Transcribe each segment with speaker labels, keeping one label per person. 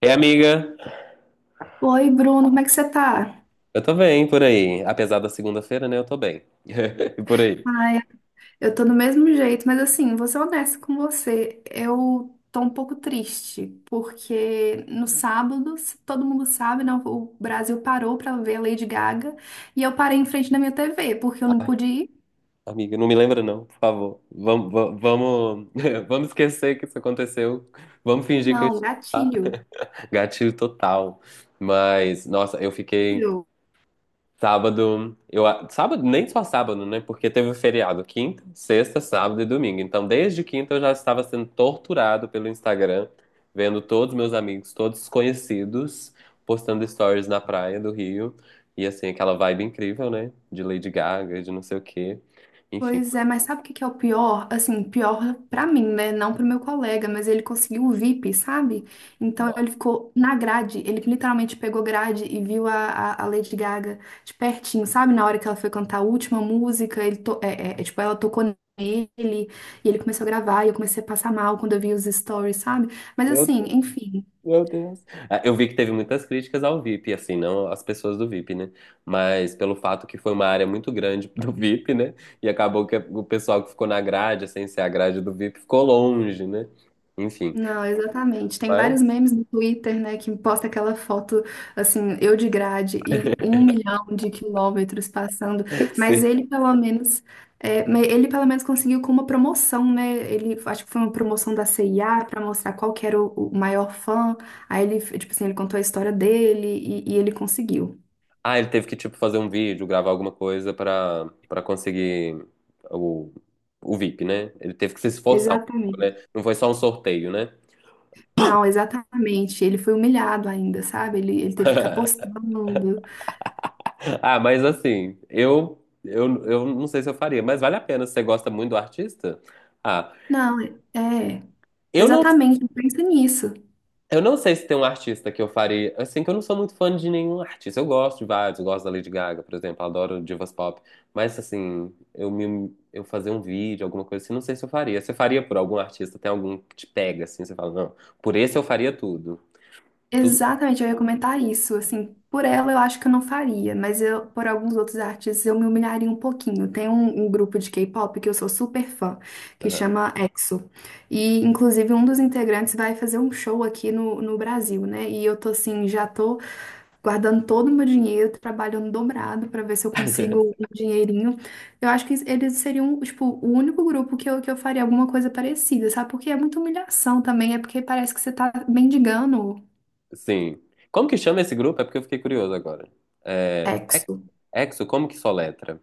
Speaker 1: Ei, amiga,
Speaker 2: Oi, Bruno, como é que você tá?
Speaker 1: eu tô bem por aí. Apesar da segunda-feira, né? Eu tô bem. E por aí.
Speaker 2: Ai, eu tô do mesmo jeito, mas assim, vou ser honesta com você. Eu tô um pouco triste, porque no sábado, se todo mundo sabe, né, o Brasil parou pra ver a Lady Gaga e eu parei em frente da minha TV, porque eu não pude ir.
Speaker 1: Amiga, não me lembra não, por favor. Vamos, vamos esquecer que isso aconteceu. Vamos fingir que eu
Speaker 2: Não,
Speaker 1: estive.
Speaker 2: gatilho.
Speaker 1: Gatilho total. Mas, nossa, eu fiquei. Sábado, sábado, nem só sábado, né? Porque teve o feriado, quinta, sexta, sábado e domingo. Então, desde quinta eu já estava sendo torturado pelo Instagram, vendo todos meus amigos, todos os conhecidos, postando stories na praia do Rio. E assim, aquela vibe incrível, né? De Lady Gaga, de não sei o quê. Enfim,
Speaker 2: Pois
Speaker 1: foi...
Speaker 2: é, mas sabe o que que é o pior? Assim, pior pra mim, né? Não pro meu colega, mas ele conseguiu o VIP, sabe? Então
Speaker 1: Nossa.
Speaker 2: ele ficou na grade, ele literalmente pegou grade e viu a Lady Gaga de pertinho, sabe? Na hora que ela foi cantar a última música, tipo, ela tocou nele e ele começou a gravar e eu comecei a passar mal quando eu vi os stories, sabe? Mas
Speaker 1: Meu
Speaker 2: assim, enfim,
Speaker 1: Meu Deus. Eu vi que teve muitas críticas ao VIP, assim, não às pessoas do VIP, né? Mas pelo fato que foi uma área muito grande do VIP, né? E acabou que o pessoal que ficou na grade, sem ser a grade do VIP, ficou longe, né? Enfim,
Speaker 2: não, exatamente. Tem
Speaker 1: mas
Speaker 2: vários memes no Twitter, né, que posta aquela foto, assim, eu de grade e um milhão de quilômetros passando. Mas
Speaker 1: sim.
Speaker 2: ele, pelo menos, ele pelo menos conseguiu com uma promoção, né? Ele, acho que foi uma promoção da CIA para mostrar qual que era o maior fã. Aí ele, tipo assim, ele contou a história dele e ele conseguiu.
Speaker 1: Ah, ele teve que, tipo, fazer um vídeo, gravar alguma coisa pra conseguir o, o VIP, né? Ele teve que se esforçar um pouco,
Speaker 2: Exatamente.
Speaker 1: né? Não foi só um sorteio, né?
Speaker 2: Não, exatamente. Ele foi humilhado ainda, sabe? Ele teve que ficar postando.
Speaker 1: Ah, mas assim, eu não sei se eu faria, mas vale a pena. Se você gosta muito do artista? Ah,
Speaker 2: Não, é. é,
Speaker 1: eu não,
Speaker 2: Exatamente, pensa nisso.
Speaker 1: eu não sei se tem um artista que eu faria. Assim, que eu não sou muito fã de nenhum artista. Eu gosto de vários, eu gosto da Lady Gaga, por exemplo, adoro divas pop. Mas assim, eu fazer um vídeo, alguma coisa assim, não sei se eu faria. Você faria por algum artista? Tem algum que te pega assim? Você fala, não, por esse eu faria tudo. Tudo.
Speaker 2: Exatamente, eu ia comentar isso. Assim, por ela eu acho que eu não faria, mas eu, por alguns outros artistas eu me humilharia um pouquinho. Tem um grupo de K-pop que eu sou super fã, que
Speaker 1: Aham.
Speaker 2: chama EXO. E, inclusive, um dos integrantes vai fazer um show aqui no Brasil, né? E eu tô assim, já tô guardando todo o meu dinheiro, tô trabalhando dobrado pra ver se eu consigo um dinheirinho. Eu acho que eles seriam, tipo, o único grupo que eu faria alguma coisa parecida, sabe? Porque é muita humilhação também, é porque parece que você tá mendigando.
Speaker 1: Sim. Como que chama esse grupo? É porque eu fiquei curioso agora. É, Ex-
Speaker 2: EXO.
Speaker 1: Exo, como que soletra?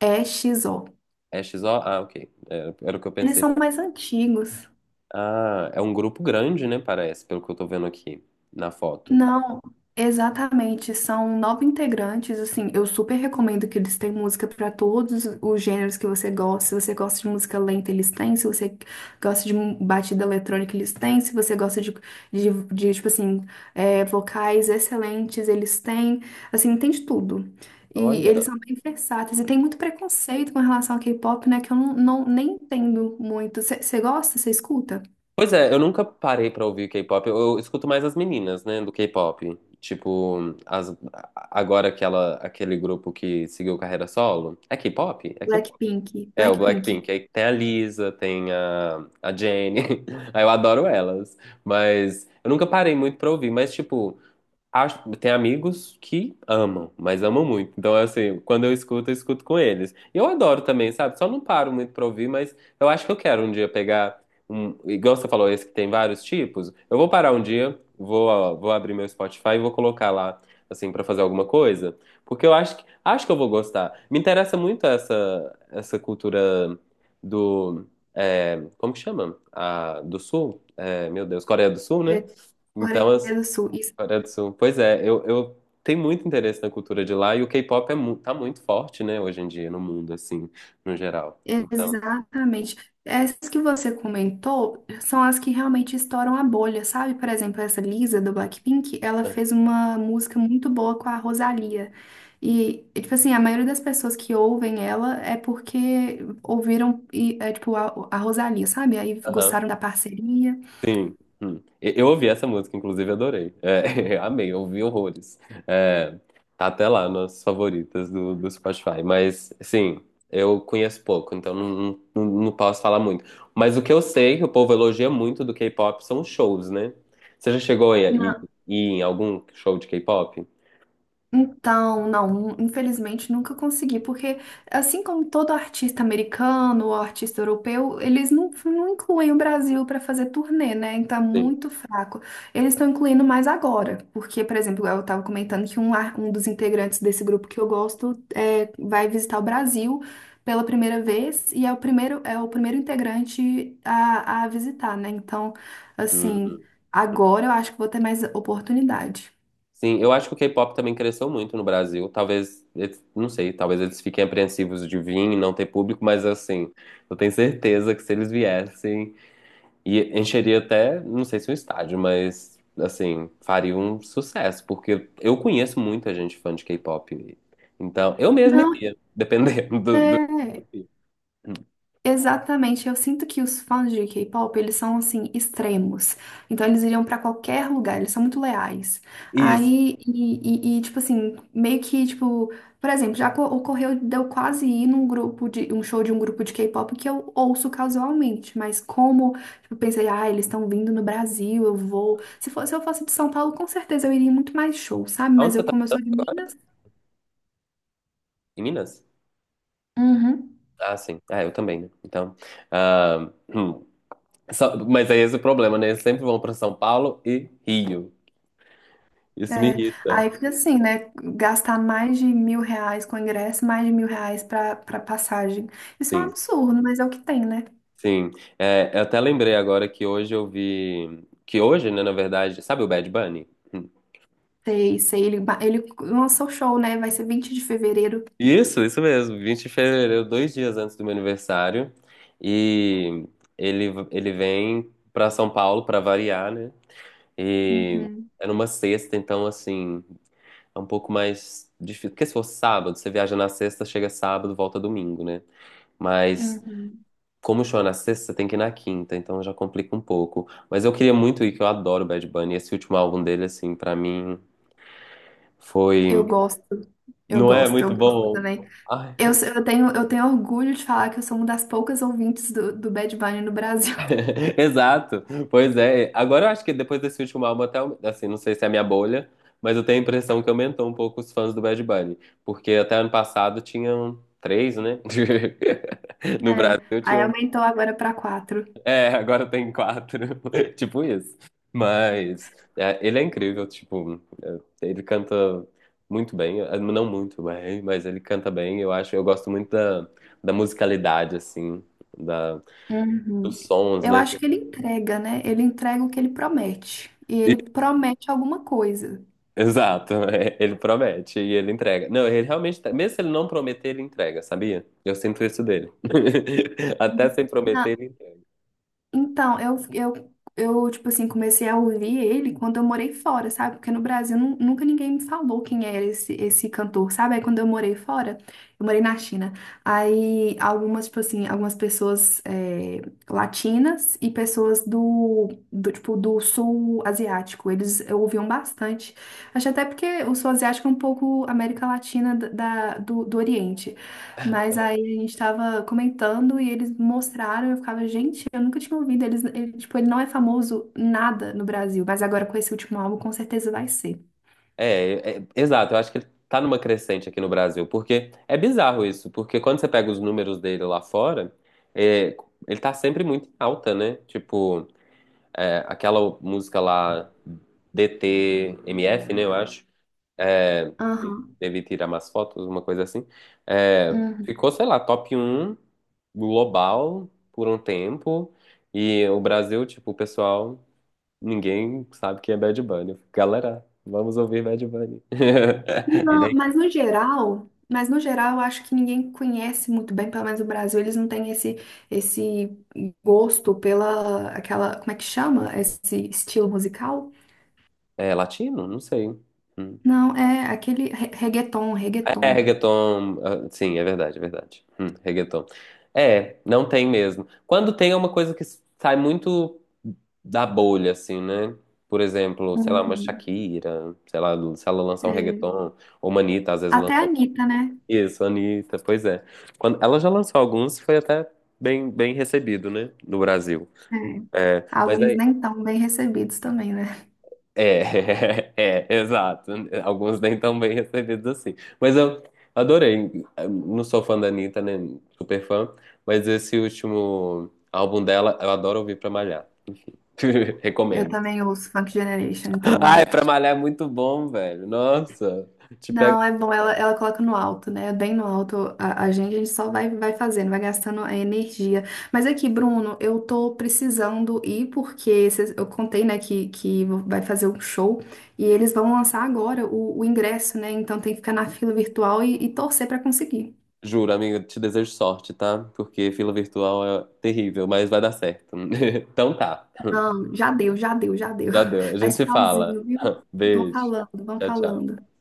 Speaker 2: E X O.
Speaker 1: É XO? Ah, ok. Era o que eu
Speaker 2: Eles
Speaker 1: pensei.
Speaker 2: são mais antigos.
Speaker 1: Ah, é um grupo grande, né? Parece, pelo que eu tô vendo aqui na foto.
Speaker 2: Não, exatamente. São 9 integrantes. Assim, eu super recomendo que eles têm música para todos os gêneros que você gosta. Se você gosta de música lenta, eles têm. Se você gosta de batida eletrônica, eles têm. Se você gosta de, vocais excelentes, eles têm. Assim, tem de tudo. E
Speaker 1: Olha.
Speaker 2: eles são bem versáteis. E tem muito preconceito com relação ao K-pop, né? Que eu não, não- nem entendo muito. Você gosta? Você escuta?
Speaker 1: Pois é, eu nunca parei pra ouvir K-pop. Eu escuto mais as meninas, né, do K-pop. Tipo, agora aquele grupo que seguiu carreira solo. É K-pop? É K-pop.
Speaker 2: Blackpink,
Speaker 1: É, o
Speaker 2: Blackpink,
Speaker 1: Blackpink. Aí tem a Lisa, tem a Jennie. Aí eu adoro elas. Mas eu nunca parei muito pra ouvir. Mas, tipo. Acho, tem amigos que amam, mas amam muito. Então, é assim, quando eu escuto com eles. E eu adoro também, sabe? Só não paro muito pra ouvir, mas eu acho que eu quero um dia pegar um. Igual você falou, esse que tem vários tipos. Eu vou parar um dia, vou, ó, vou abrir meu Spotify e vou colocar lá, assim, pra fazer alguma coisa. Porque acho que eu vou gostar. Me interessa muito essa cultura do. É, como que chama? Ah, do Sul? É, meu Deus, Coreia do Sul, né?
Speaker 2: é, Coreia
Speaker 1: Então, as-
Speaker 2: do Sul, isso,
Speaker 1: Coreia do Sul. Pois é, eu tenho muito interesse na cultura de lá e o K-pop é mu tá muito forte, né, hoje em dia no mundo, assim, no geral. Então,
Speaker 2: exatamente. Essas que você comentou são as que realmente estouram a bolha, sabe? Por exemplo, essa Lisa do Blackpink, ela
Speaker 1: aham,
Speaker 2: fez uma música muito boa com a Rosalia. E, é, tipo assim, a maioria das pessoas que ouvem ela é porque ouviram, a Rosalia, sabe? Aí
Speaker 1: aham,
Speaker 2: gostaram da parceria.
Speaker 1: sim. Hum. E- Eu ouvi essa música, inclusive, adorei. É, eu amei, eu ouvi horrores. É, tá até lá nas favoritas do Spotify. Mas, sim, eu conheço pouco, então não posso falar muito. Mas o que eu sei que o povo elogia muito do K-pop são os shows, né? Você já chegou ir em algum show de K-pop?
Speaker 2: Então, não, infelizmente nunca consegui, porque assim como todo artista americano ou artista europeu, eles não incluem o Brasil para fazer turnê, né? Então é
Speaker 1: Sim.
Speaker 2: muito fraco. Eles estão incluindo mais agora, porque, por exemplo, eu estava comentando que um dos integrantes desse grupo que eu gosto é, vai visitar o Brasil pela primeira vez e é o primeiro integrante a visitar, né? Então, assim,
Speaker 1: Uhum.
Speaker 2: agora eu acho que vou ter mais oportunidade.
Speaker 1: Sim, eu acho que o K-pop também cresceu muito no Brasil. Talvez, eles- não sei, talvez eles fiquem apreensivos de vir e não ter público, mas assim, eu tenho certeza que se eles viessem, e encheria até, não sei se um estádio, mas assim, faria um sucesso, porque eu conheço muita gente fã de K-pop. Então, eu mesmo
Speaker 2: Não.
Speaker 1: iria, dependendo do...
Speaker 2: Exatamente, eu sinto que os fãs de K-pop, eles são assim extremos. Então eles iriam pra qualquer lugar, eles são muito leais.
Speaker 1: Isso.
Speaker 2: Aí e, tipo assim, meio que tipo, por exemplo, ocorreu de eu quase ir num grupo de um show de um grupo de K-pop que eu ouço casualmente, mas como tipo, eu pensei, ah, eles estão vindo no Brasil, eu vou. Se fosse, se eu fosse de São Paulo, com certeza eu iria em muito mais show, sabe? Mas
Speaker 1: Onde
Speaker 2: eu
Speaker 1: você tá?
Speaker 2: como eu sou de Minas,
Speaker 1: Em Minas?
Speaker 2: uhum.
Speaker 1: Ah, sim. Ah, eu também, né? Então, ah, Só- esse é o problema, né? Eles sempre vão para São Paulo e Rio. Isso me
Speaker 2: É,
Speaker 1: irrita.
Speaker 2: aí fica assim, né? Gastar mais de R$ 1.000 com ingresso, mais de R$ 1.000 pra, pra passagem. Isso é um
Speaker 1: Sim,
Speaker 2: absurdo, mas é o que tem, né?
Speaker 1: sim. É, eu até lembrei agora que hoje eu vi. Que hoje, né, na verdade. Sabe o Bad Bunny? Hum.
Speaker 2: Sei, sei, ele, ele lançou o show, né? Vai ser 20 de fevereiro.
Speaker 1: Isso mesmo. 20 de fevereiro, dois dias antes do meu aniversário. E ele, ele vem para São Paulo para variar, né? E
Speaker 2: Uhum,
Speaker 1: é numa sexta, então, assim, é um pouco mais difícil. Porque se for sábado, você viaja na sexta, chega sábado, volta domingo, né? Mas
Speaker 2: uhum.
Speaker 1: como o show é na sexta, você tem que ir na quinta, então já complica um pouco. Mas eu queria muito ir, que eu adoro o Bad Bunny. Esse último álbum dele, assim, pra mim
Speaker 2: Eu
Speaker 1: foi.
Speaker 2: gosto, eu
Speaker 1: Não é
Speaker 2: gosto,
Speaker 1: muito
Speaker 2: eu gosto
Speaker 1: bom.
Speaker 2: também.
Speaker 1: Ai,
Speaker 2: Eu, eu tenho orgulho de falar que eu sou uma das poucas ouvintes do Bad Bunny no Brasil.
Speaker 1: exato, pois é. Agora eu acho que depois desse último álbum, até, assim, não sei se é a minha bolha, mas eu tenho a impressão que aumentou um pouco os fãs do Bad Bunny. Porque até ano passado tinham 3, né? No
Speaker 2: É,
Speaker 1: Brasil
Speaker 2: aí
Speaker 1: tinham.
Speaker 2: aumentou agora pra quatro.
Speaker 1: É, agora tem 4. Tipo isso. Mas é, ele é incrível, tipo. Ele canta muito bem, não muito bem, mas ele canta bem. Eu acho, eu gosto muito da musicalidade, assim, da,
Speaker 2: Uhum.
Speaker 1: dos sons,
Speaker 2: Eu
Speaker 1: né?
Speaker 2: acho
Speaker 1: que-
Speaker 2: que ele entrega, né? Ele entrega o que ele promete. E ele promete alguma coisa.
Speaker 1: Exato, ele promete e ele entrega. Não, ele realmente, tá- mesmo se ele não prometer, ele entrega, sabia? Eu sinto isso dele. Até
Speaker 2: Uhum.
Speaker 1: sem prometer,
Speaker 2: Na-
Speaker 1: ele entrega.
Speaker 2: Então, eu, tipo assim, comecei a ouvir ele quando eu morei fora, sabe? Porque no Brasil nunca ninguém me falou quem era esse cantor, sabe? Aí quando eu morei fora, eu morei na China. Aí algumas, tipo assim, algumas pessoas é, latinas e pessoas do sul asiático, eles ouviam bastante. Acho até porque o sul asiático é um pouco América Latina do Oriente. Mas aí a gente tava comentando e eles mostraram, eu ficava, gente, eu nunca tinha ouvido. Eles, ele, tipo, ele não é famoso nada no Brasil, mas agora com esse último álbum com certeza vai ser.
Speaker 1: Exato, eu acho que ele tá numa crescente aqui no Brasil, porque é bizarro isso, porque quando você pega os números dele lá fora, é, ele tá sempre muito em alta, né? Tipo, é, aquela música lá, DTMF, né? Eu acho.
Speaker 2: Aham.
Speaker 1: Deve tirar mais fotos, uma coisa assim. É,
Speaker 2: Uhum.
Speaker 1: ficou, sei lá, top 1 global por um tempo. E o Brasil, tipo, o pessoal, ninguém sabe quem é Bad Bunny. Eu fico, galera, vamos ouvir Bad Bunny.
Speaker 2: Não,
Speaker 1: Ele
Speaker 2: mas no geral, eu acho que ninguém conhece muito bem, pelo menos o Brasil, eles não têm esse gosto pela aquela, como é que chama? Esse estilo musical?
Speaker 1: é, é latino? Não sei. Hum.
Speaker 2: Não, é aquele reggaeton,
Speaker 1: É,
Speaker 2: reggaeton.
Speaker 1: reggaeton. Sim, é verdade, é verdade. Reggaeton. É, não tem mesmo. Quando tem é uma coisa que sai muito da bolha, assim, né? Por exemplo, sei lá, uma
Speaker 2: Uhum.
Speaker 1: Shakira, sei lá, se ela lançar um
Speaker 2: É.
Speaker 1: reggaeton, ou uma Anitta, às vezes lança
Speaker 2: Até a Anitta, né?
Speaker 1: isso, Anitta, pois é. Quando, ela já lançou alguns, foi até bem recebido, né? No Brasil.
Speaker 2: É.
Speaker 1: É, mas
Speaker 2: Alguns
Speaker 1: é
Speaker 2: nem tão bem recebidos também, né?
Speaker 1: É, é, exato. Alguns nem tão bem recebidos assim. Mas eu adorei. Não sou fã da Anitta, né? Super fã. Mas esse último álbum dela, eu adoro ouvir pra malhar.
Speaker 2: Eu
Speaker 1: Recomendo.
Speaker 2: também ouço Funk Generation,
Speaker 1: Ai,
Speaker 2: então
Speaker 1: pra malhar é muito bom, velho. Nossa. Te pego.
Speaker 2: não, é bom, ela coloca no alto, né? Bem no alto a gente só vai, vai fazendo, vai gastando a energia. Mas aqui, Bruno, eu tô precisando ir porque eu contei, né, que vai fazer um show e eles vão lançar agora o ingresso, né? Então tem que ficar na fila virtual e torcer pra conseguir.
Speaker 1: Juro, amiga, te desejo sorte, tá? Porque fila virtual é terrível, mas vai dar certo. Então tá.
Speaker 2: Já deu, já deu, já deu.
Speaker 1: Já deu. A gente
Speaker 2: Mas
Speaker 1: se fala.
Speaker 2: tchauzinho, viu? Vão
Speaker 1: Beijo.
Speaker 2: falando, vão
Speaker 1: Tchau, tchau.
Speaker 2: falando.